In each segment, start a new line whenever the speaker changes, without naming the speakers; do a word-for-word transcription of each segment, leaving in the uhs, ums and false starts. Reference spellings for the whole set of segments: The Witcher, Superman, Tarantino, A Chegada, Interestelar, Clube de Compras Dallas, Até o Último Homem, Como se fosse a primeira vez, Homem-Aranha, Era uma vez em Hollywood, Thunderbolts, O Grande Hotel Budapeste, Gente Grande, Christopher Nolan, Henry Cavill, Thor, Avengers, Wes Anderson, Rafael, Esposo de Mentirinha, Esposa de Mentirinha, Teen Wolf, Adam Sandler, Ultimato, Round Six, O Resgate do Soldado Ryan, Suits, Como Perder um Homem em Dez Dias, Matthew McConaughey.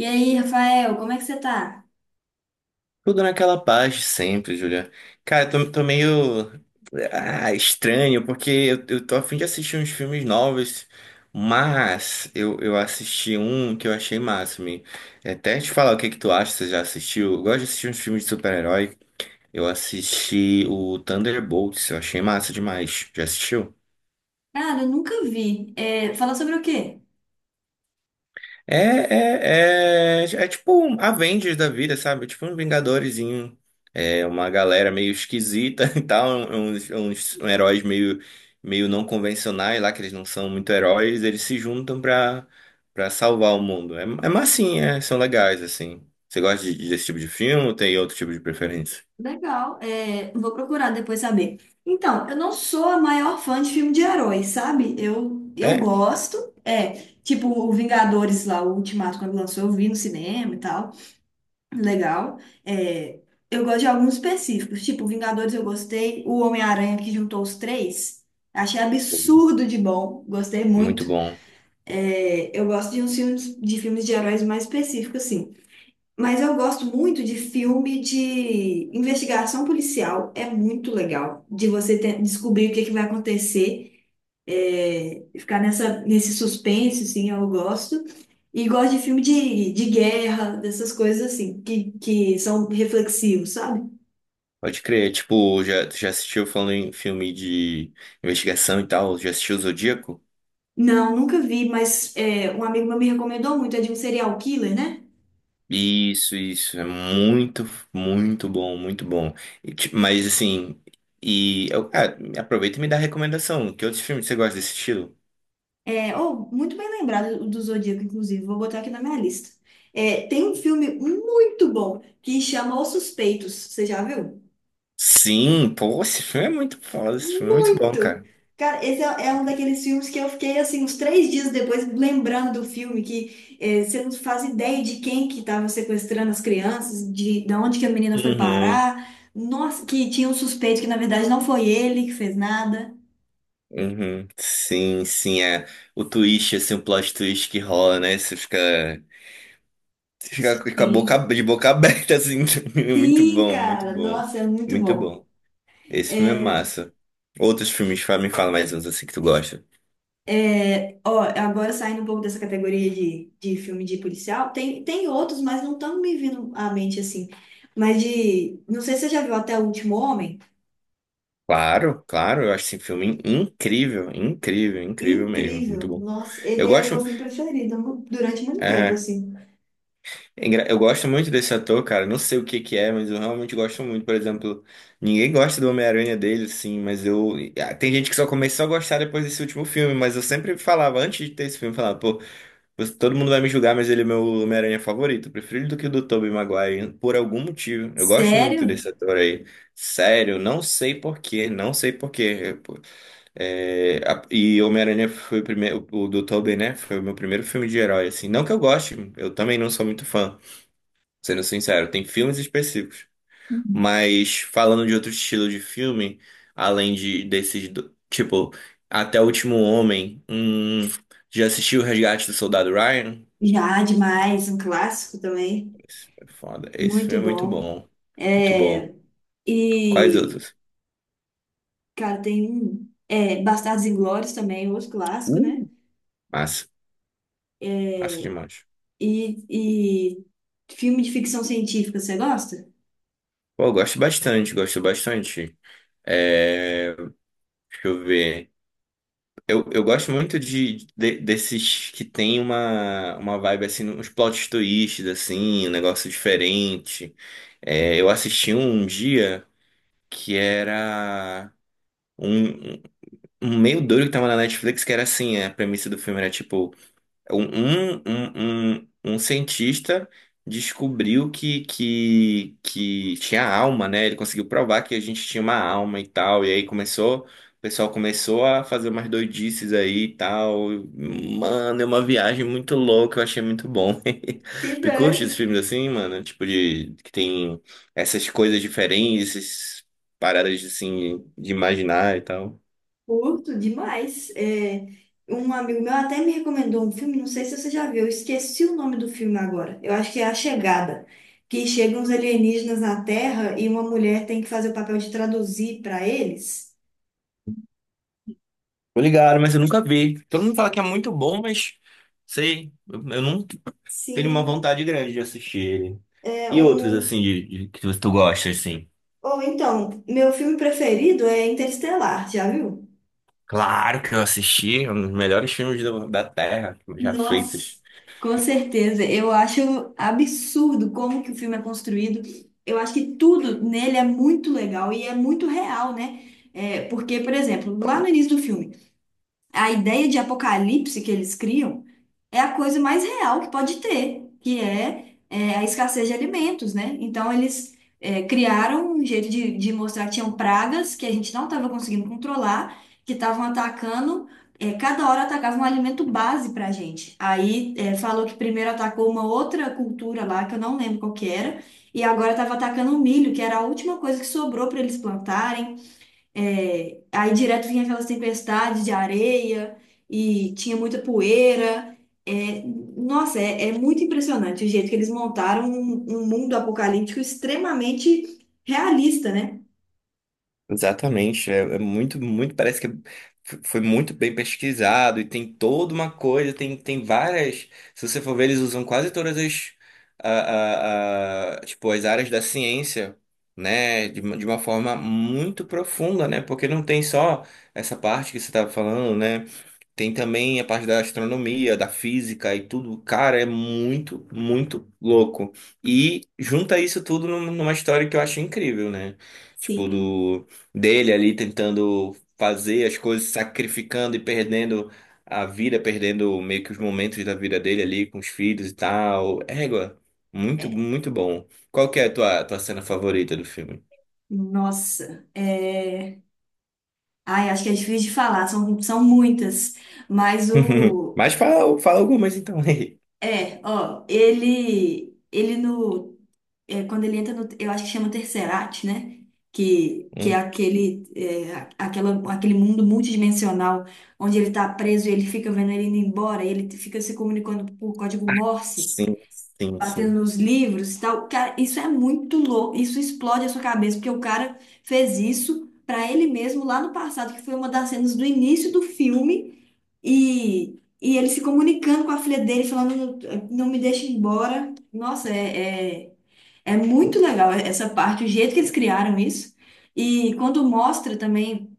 E aí, Rafael, como é que você tá?
Tudo naquela paz de sempre, Julia. Cara, eu tô, tô meio ah, estranho, porque eu, eu tô a fim de assistir uns filmes novos, mas eu, eu assisti um que eu achei máximo. E até te falar o que que tu acha, você já assistiu? Eu gosto de assistir uns filmes de super-herói. Eu assisti o Thunderbolts, eu achei massa demais. Já assistiu?
Cara, eu nunca vi. É, fala sobre o quê?
É, é, é, é tipo um Avengers da vida, sabe? É tipo um Vingadorezinho. É uma galera meio esquisita e tal, uns, uns heróis meio, meio não convencionais lá, que eles não são muito heróis, eles se juntam pra, pra salvar o mundo. É, é massinha, é, são legais, assim. Você gosta de- desse tipo de filme ou tem outro tipo de preferência?
Legal, é, vou procurar depois saber. Então, eu não sou a maior fã de filme de heróis, sabe? Eu, eu
É?
gosto. É, tipo o Vingadores lá, o Ultimato, quando lançou, eu vi no cinema e tal. Legal. É, eu gosto de alguns específicos, tipo Vingadores eu gostei, o Homem-Aranha que juntou os três. Achei absurdo de bom, gostei
Muito
muito.
bom.
É, eu gosto de uns filmes de filmes de heróis mais específicos, assim. Mas eu gosto muito de filme de investigação policial. É muito legal de você ter- descobrir o que é que vai acontecer, é, ficar nessa, nesse suspense, assim, eu gosto. E gosto de filme de, de guerra, dessas coisas assim, que, que são reflexivos, sabe?
Pode crer. Tipo, já, já assistiu falando em filme de investigação e tal? Já assistiu o Zodíaco?
Não, nunca vi, mas é, um amigo meu me recomendou muito. É de um serial killer, né?
Isso, isso, é muito, muito bom, muito bom. E, ti- mas assim, e eu, cara, aproveita e me dá recomendação. Que outros filmes você gosta desse estilo?
É, oh, muito bem lembrado do do Zodíaco, inclusive. Vou botar aqui na minha lista. É, tem um filme muito bom que chama Os Suspeitos. Você já viu?
Sim, pô, esse filme é muito foda, esse filme é muito bom,
Muito!
cara.
Cara, esse é, é um daqueles filmes que eu fiquei, assim, uns três dias depois lembrando do filme, que é, você não faz ideia de quem que estava sequestrando as crianças, de, de onde que a menina foi
Uhum,
parar. Nossa, que tinha um suspeito que, na verdade, não foi ele que fez nada.
uhum. Sim, sim, é o twist, assim, o plot twist que rola, né? Você fica, você fica com a boca,
Sim.
de boca aberta, assim. Muito
Sim,
bom, muito
cara.
bom,
Nossa, é muito
muito
bom.
bom. Esse filme é
É,
massa. Outros filmes, fa- me fala mais uns assim que tu gosta.
É, ó, agora saindo um pouco dessa categoria de, de filme de policial, tem, tem outros, mas não estão me vindo à mente assim. Mas de. Não sei se você já viu Até o Último Homem.
Claro, claro, eu acho esse filme incrível, incrível, incrível mesmo, muito
Incrível.
bom.
Nossa,
Eu
ele era meu
gosto,
filme preferido mu- durante muito tempo,
é,
assim.
é engra- eu gosto muito desse ator, cara, não sei o que que é, mas eu realmente gosto muito, por exemplo, ninguém gosta do Homem-Aranha dele, sim, mas eu, ah, tem gente que só começou a gostar depois desse último filme, mas eu sempre falava, antes de ter esse filme, eu falava, pô, você- todo mundo vai me julgar, mas ele é meu Homem-Aranha favorito, eu prefiro ele do que o do Tobey Maguire, por algum motivo, eu gosto muito
Sério?
desse ator aí, sério, não sei por quê, não sei por quê. É, a- e Homem-Aranha foi o primeiro, o do Tobey, né? Foi o meu primeiro filme de herói, assim. Não que eu goste, eu também não sou muito fã, sendo sincero, tem filmes específicos.
Uhum.
Mas falando de outro estilo de filme, além de desses, do- tipo, Até o Último Homem, hum, já assistiu O Resgate do Soldado Ryan?
Já, demais, um clássico também.
Esse é foda. Esse
Muito
filme é muito
bom.
bom. Muito bom.
É,
Quais
e,
outros?
cara, tem um. É, Bastardos Inglórios também, outro clássico, né?
Uh, Massa, massa
É,
demais.
E, e filme de ficção científica, você gosta?
Pô, eu gosto bastante, gosto bastante. É, deixa eu ver. Eu, eu gosto muito de, de- desses que tem uma, uma, vibe assim, uns plot twists, assim, um negócio diferente. É, eu assisti um dia que era um, um um meio doido que tava na Netflix, que era assim, a premissa do filme era tipo. Um, um, um, um um cientista descobriu que, que, que tinha alma, né? Ele conseguiu provar que a gente tinha uma alma e tal. E aí começou, o pessoal começou a fazer umas doidices aí e tal. Mano, é uma viagem muito louca, eu achei muito bom. Tu curte
Cidade,
esses filmes assim, mano? Tipo, de que tem essas coisas diferentes, essas paradas assim de imaginar e tal.
curto demais. É, um amigo meu até me recomendou um filme, não sei se você já viu, eu esqueci o nome do filme agora. Eu acho que é A Chegada, que chegam uns alienígenas na Terra e uma mulher tem que fazer o papel de traduzir para eles.
Tô ligado, mas eu nunca vi. Todo mundo fala que é muito bom, mas sei, eu, eu não tenho uma
Sim,
vontade grande de assistir ele.
é
E outros,
um.
assim, de, de- que tu gosta, assim?
Ou então, meu filme preferido é Interestelar, já viu?
Claro que eu assisti, é um dos melhores filmes do- da Terra, já feitos.
Nossa, com certeza. Eu acho absurdo como que o filme é construído. Eu acho que tudo nele é muito legal e é muito real, né? É, porque, por exemplo, lá no início do filme, a ideia de apocalipse que eles criam é a coisa mais real que pode ter, que é, é, a escassez de alimentos, né? Então, eles é, criaram um jeito de, de mostrar que tinham pragas que a gente não estava conseguindo controlar, que estavam atacando, é, cada hora atacava um alimento base para a gente. Aí, é, falou que primeiro atacou uma outra cultura lá, que eu não lembro qual que era, e agora estava atacando o milho, que era a última coisa que sobrou para eles plantarem. É, aí direto vinha aquelas tempestades de areia e tinha muita poeira. É, nossa, é, é muito impressionante o jeito que eles montaram um, um mundo apocalíptico extremamente realista, né?
Exatamente, é, é muito, muito, parece que f- foi muito bem pesquisado e tem toda uma coisa, tem, tem várias, se você for ver, eles usam quase todas as, a, a- a- tipo, as áreas da ciência, né, de, uma- de uma forma muito profunda, né, porque não tem só essa parte que você estava falando, né, tem também a parte da astronomia, da física e tudo. Cara, é muito, muito louco. E junta isso tudo num- numa história que eu acho incrível, né? Tipo,
Sim.
do dele ali tentando fazer as coisas, sacrificando e perdendo a vida, perdendo meio que os momentos da vida dele ali com os filhos e tal. Égua, muito, muito bom. Qual que é a tua, tua cena favorita do filme?
Nossa, é... Ai, acho que é difícil de falar, são, são muitas, mas o...
Mas fala, fala algumas então aí.
É, ó, ele, ele no é, quando ele entra no, eu acho que chama Tercerat, né? Que, que é
Hum.
aquele, é, a- aquela, aquele mundo multidimensional onde ele tá preso e ele fica vendo ele indo embora, e ele fica se comunicando por código Morse,
Sim, sim,
batendo
sim.
nos livros e tal. Cara, isso é muito louco, isso explode a sua cabeça, porque o cara fez isso pra ele mesmo lá no passado, que foi uma das cenas do início do filme, e, e ele se comunicando com a filha dele, falando, não me deixa ir embora. Nossa, é... é- é muito legal essa parte, o jeito que eles criaram isso. E quando mostra também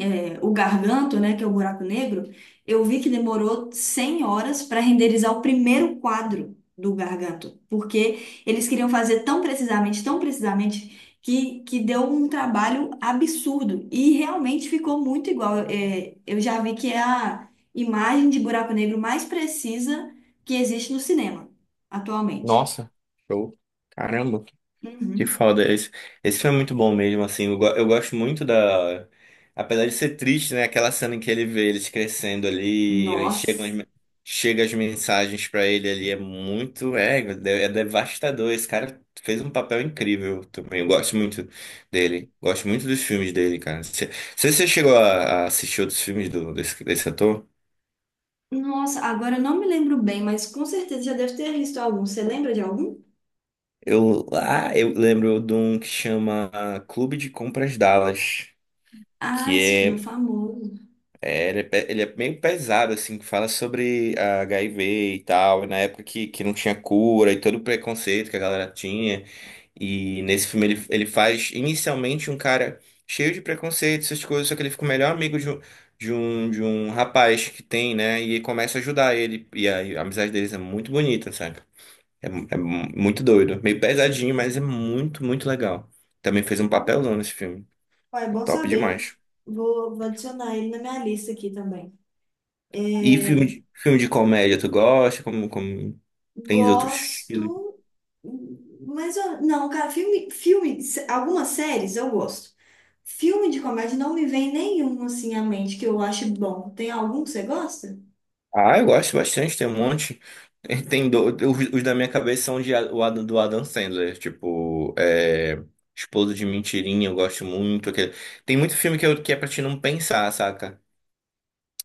é, o Garganto, né, que é o buraco negro, eu vi que demorou cem horas para renderizar o primeiro quadro do Garganto, porque eles queriam fazer tão precisamente, tão precisamente, que, que deu um trabalho absurdo. E realmente ficou muito igual. É, eu já vi que é a imagem de buraco negro mais precisa que existe no cinema atualmente.
Nossa, show. Caramba, que
Uhum.
foda. Esse, esse filme é muito bom mesmo, assim. Eu, go- eu gosto muito da. Apesar de ser triste, né? Aquela cena em que ele vê eles crescendo ali e chegam as,
Nossa.
me- chega as mensagens pra ele ali. É muito. É, é devastador. Esse cara fez um papel incrível também. Eu gosto muito dele. Gosto muito dos filmes dele, cara. Você você chegou a, a assistir outros filmes do, desse, desse ator?
Nossa, agora eu não me lembro bem, mas com certeza já deve ter visto algum. Você lembra de algum?
Eu, ah, eu lembro de um que chama Clube de Compras Dallas.
Ah,
Que
esse filme é
é,
famoso.
é, ele é, pe- ele é meio pesado, assim, que fala sobre a H I V e tal, e na época que, que não tinha cura e todo o preconceito que a galera tinha. E nesse filme ele, ele faz inicialmente um cara cheio de preconceito, essas coisas, só que ele fica o melhor amigo de um, de um, de um rapaz que tem, né? E começa a ajudar ele. E a, a amizade deles é muito bonita, sabe? É, mu- é mu- muito doido. Meio pesadinho, mas é muito, muito legal. Também fez um
Ah,
papelão nesse filme.
ó, é
É
bom
top
saber.
demais.
Vou, vou adicionar ele na minha lista aqui também.
E filme
É,
de, filme de comédia, tu gosta? Como, como. Tem outros estilos?
gosto, mas eu- não, cara, filme, filme, se- algumas séries eu gosto. Filme de comédia não me vem nenhum assim à mente que eu ache bom. Tem algum que você gosta?
Ah, eu gosto bastante, tem um monte. Tem do- os, os da minha cabeça são de, A- o Adam, do Adam Sandler, tipo, é, Esposo de Mentirinha, eu gosto muito. aquele- Tem muito filme que, eu, que é pra te não pensar, saca?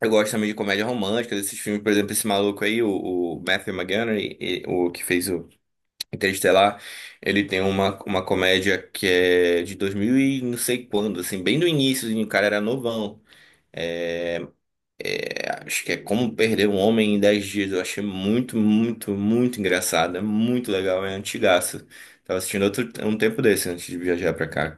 Eu gosto também de comédia romântica, desses filmes, por exemplo, esse maluco aí, o, o Matthew McConaughey, e- o que fez o Interestelar, ele tem uma, uma, comédia que é de dois mil e não sei quando, assim, bem no início, e o cara era novão. É, acho que é Como Perder um Homem em Dez Dias. Eu achei muito, muito, muito engraçado. É muito legal, é antigaço. Tava assistindo outro, um tempo desse antes de viajar pra cá.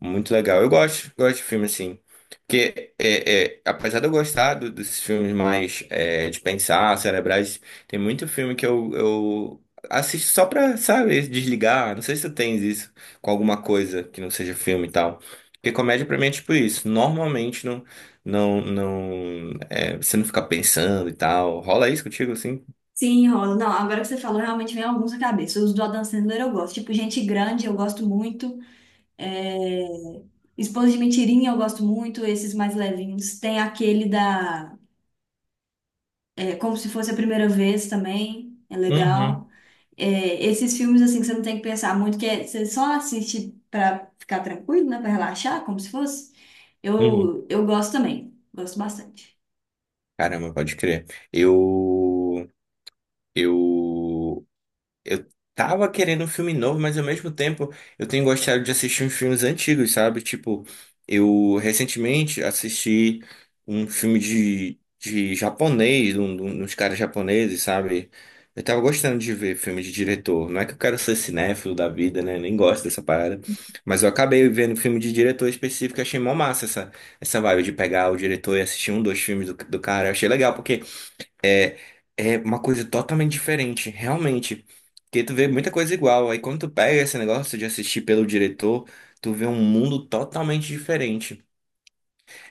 Muito legal. Eu gosto, gosto de filme assim. Porque, é, é, apesar de eu gostar do- dos filmes mais é, de pensar, cerebrais, tem muito filme que eu, eu assisto só pra, sabe, desligar. Não sei se tu tens isso com alguma coisa que não seja filme e tal. Porque comédia pra mim é tipo isso. Normalmente não, não, não, é, você não fica pensando e tal. Rola isso contigo assim?
Sim, rola. Não, agora que você falou, realmente vem alguns à cabeça. Os do Adam Sandler eu gosto. Tipo, Gente Grande, eu gosto muito. É, Esposa de Mentirinha eu gosto muito, esses mais levinhos. Tem aquele da é, Como se fosse a primeira vez também, é
Uhum.
legal. É, esses filmes assim que você não tem que pensar muito, que é- você só assiste pra ficar tranquilo, né, para relaxar, como se fosse.
Uhum.
Eu eu gosto também, gosto bastante.
Caramba, pode crer. Eu, eu Eu tava querendo um filme novo, mas ao mesmo tempo eu tenho gostado de assistir uns filmes antigos, sabe? Tipo, eu recentemente assisti um filme de, de japonês, um, um- uns caras japoneses, sabe? Eu tava gostando de ver filme de diretor. Não é que eu quero ser cinéfilo da vida, né? Nem gosto dessa parada. Mas eu acabei vendo filme de diretor específico e achei mó massa essa, essa vibe de pegar o diretor e assistir um, dois filmes do, do cara. Eu achei legal, porque é, é uma coisa totalmente diferente, realmente. Porque tu vê muita coisa igual. Aí quando tu pega esse negócio de assistir pelo diretor, tu vê um mundo totalmente diferente.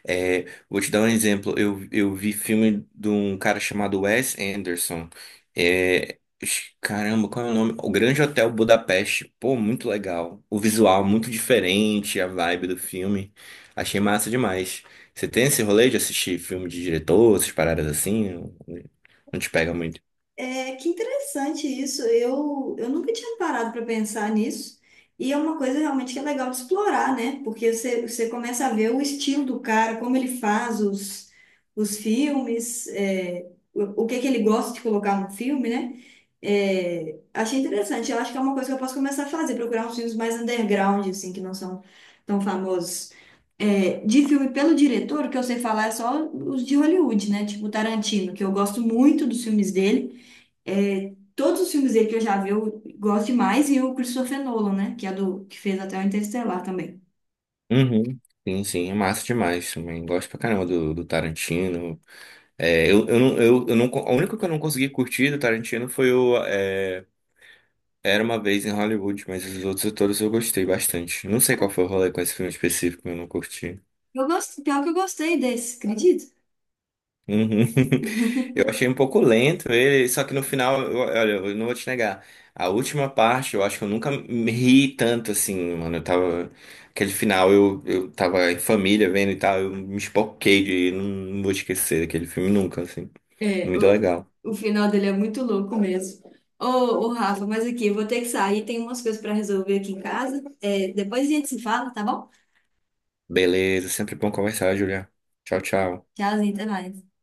É, vou te dar um exemplo. Eu, eu vi filme de um cara chamado Wes Anderson. É, ixi, caramba, qual é o nome? O Grande Hotel Budapeste. Pô, muito legal. O visual muito diferente, a vibe do filme. Achei massa demais. Você tem esse rolê de assistir filme de diretor, essas paradas assim? Não te pega muito.
É, que interessante isso. Eu, eu nunca tinha parado para pensar nisso. E é uma coisa realmente que é legal de explorar, né? Porque você, você começa a ver o estilo do cara, como ele faz os, os filmes, é, o, o que é que ele gosta de colocar no filme, né? É, achei interessante. Eu acho que é uma coisa que eu posso começar a fazer, procurar uns filmes mais underground, assim, que não são tão famosos. É, de filme pelo diretor, o que eu sei falar é só os de Hollywood, né? Tipo Tarantino, que eu gosto muito dos filmes dele. É, todos os filmes dele que eu já vi, eu gosto demais, e o Christopher Nolan, né? Que é do que fez até o Interestelar também.
Uhum. Sim, sim, é massa demais também. Gosto pra caramba do, do Tarantino. É, eu, eu, não- eu, eu não, a única que eu não consegui curtir do Tarantino foi o é, Era uma vez em Hollywood, mas os outros todos eu gostei bastante. Não sei qual foi o rolê com esse filme específico, eu não curti.
Eu gosto, pior que eu gostei desse, acredita?
Uhum. Eu achei um pouco lento ele, só que no final, eu- olha, eu não vou te negar. A última parte, eu acho que eu nunca me ri tanto assim, mano. Eu tava. Aquele final, eu, eu tava em família vendo e tal, eu me espoquei de. Não, não vou esquecer daquele filme nunca, assim.
É,
Muito
o,
legal.
o final dele é muito louco mesmo. Ô, ô, Rafa, mas aqui, eu vou ter que sair, tem umas coisas para resolver aqui em casa. É, depois a gente se fala, tá bom?
Beleza, sempre bom conversar, Julia. Tchau, tchau.
Tchauzinho, até mais.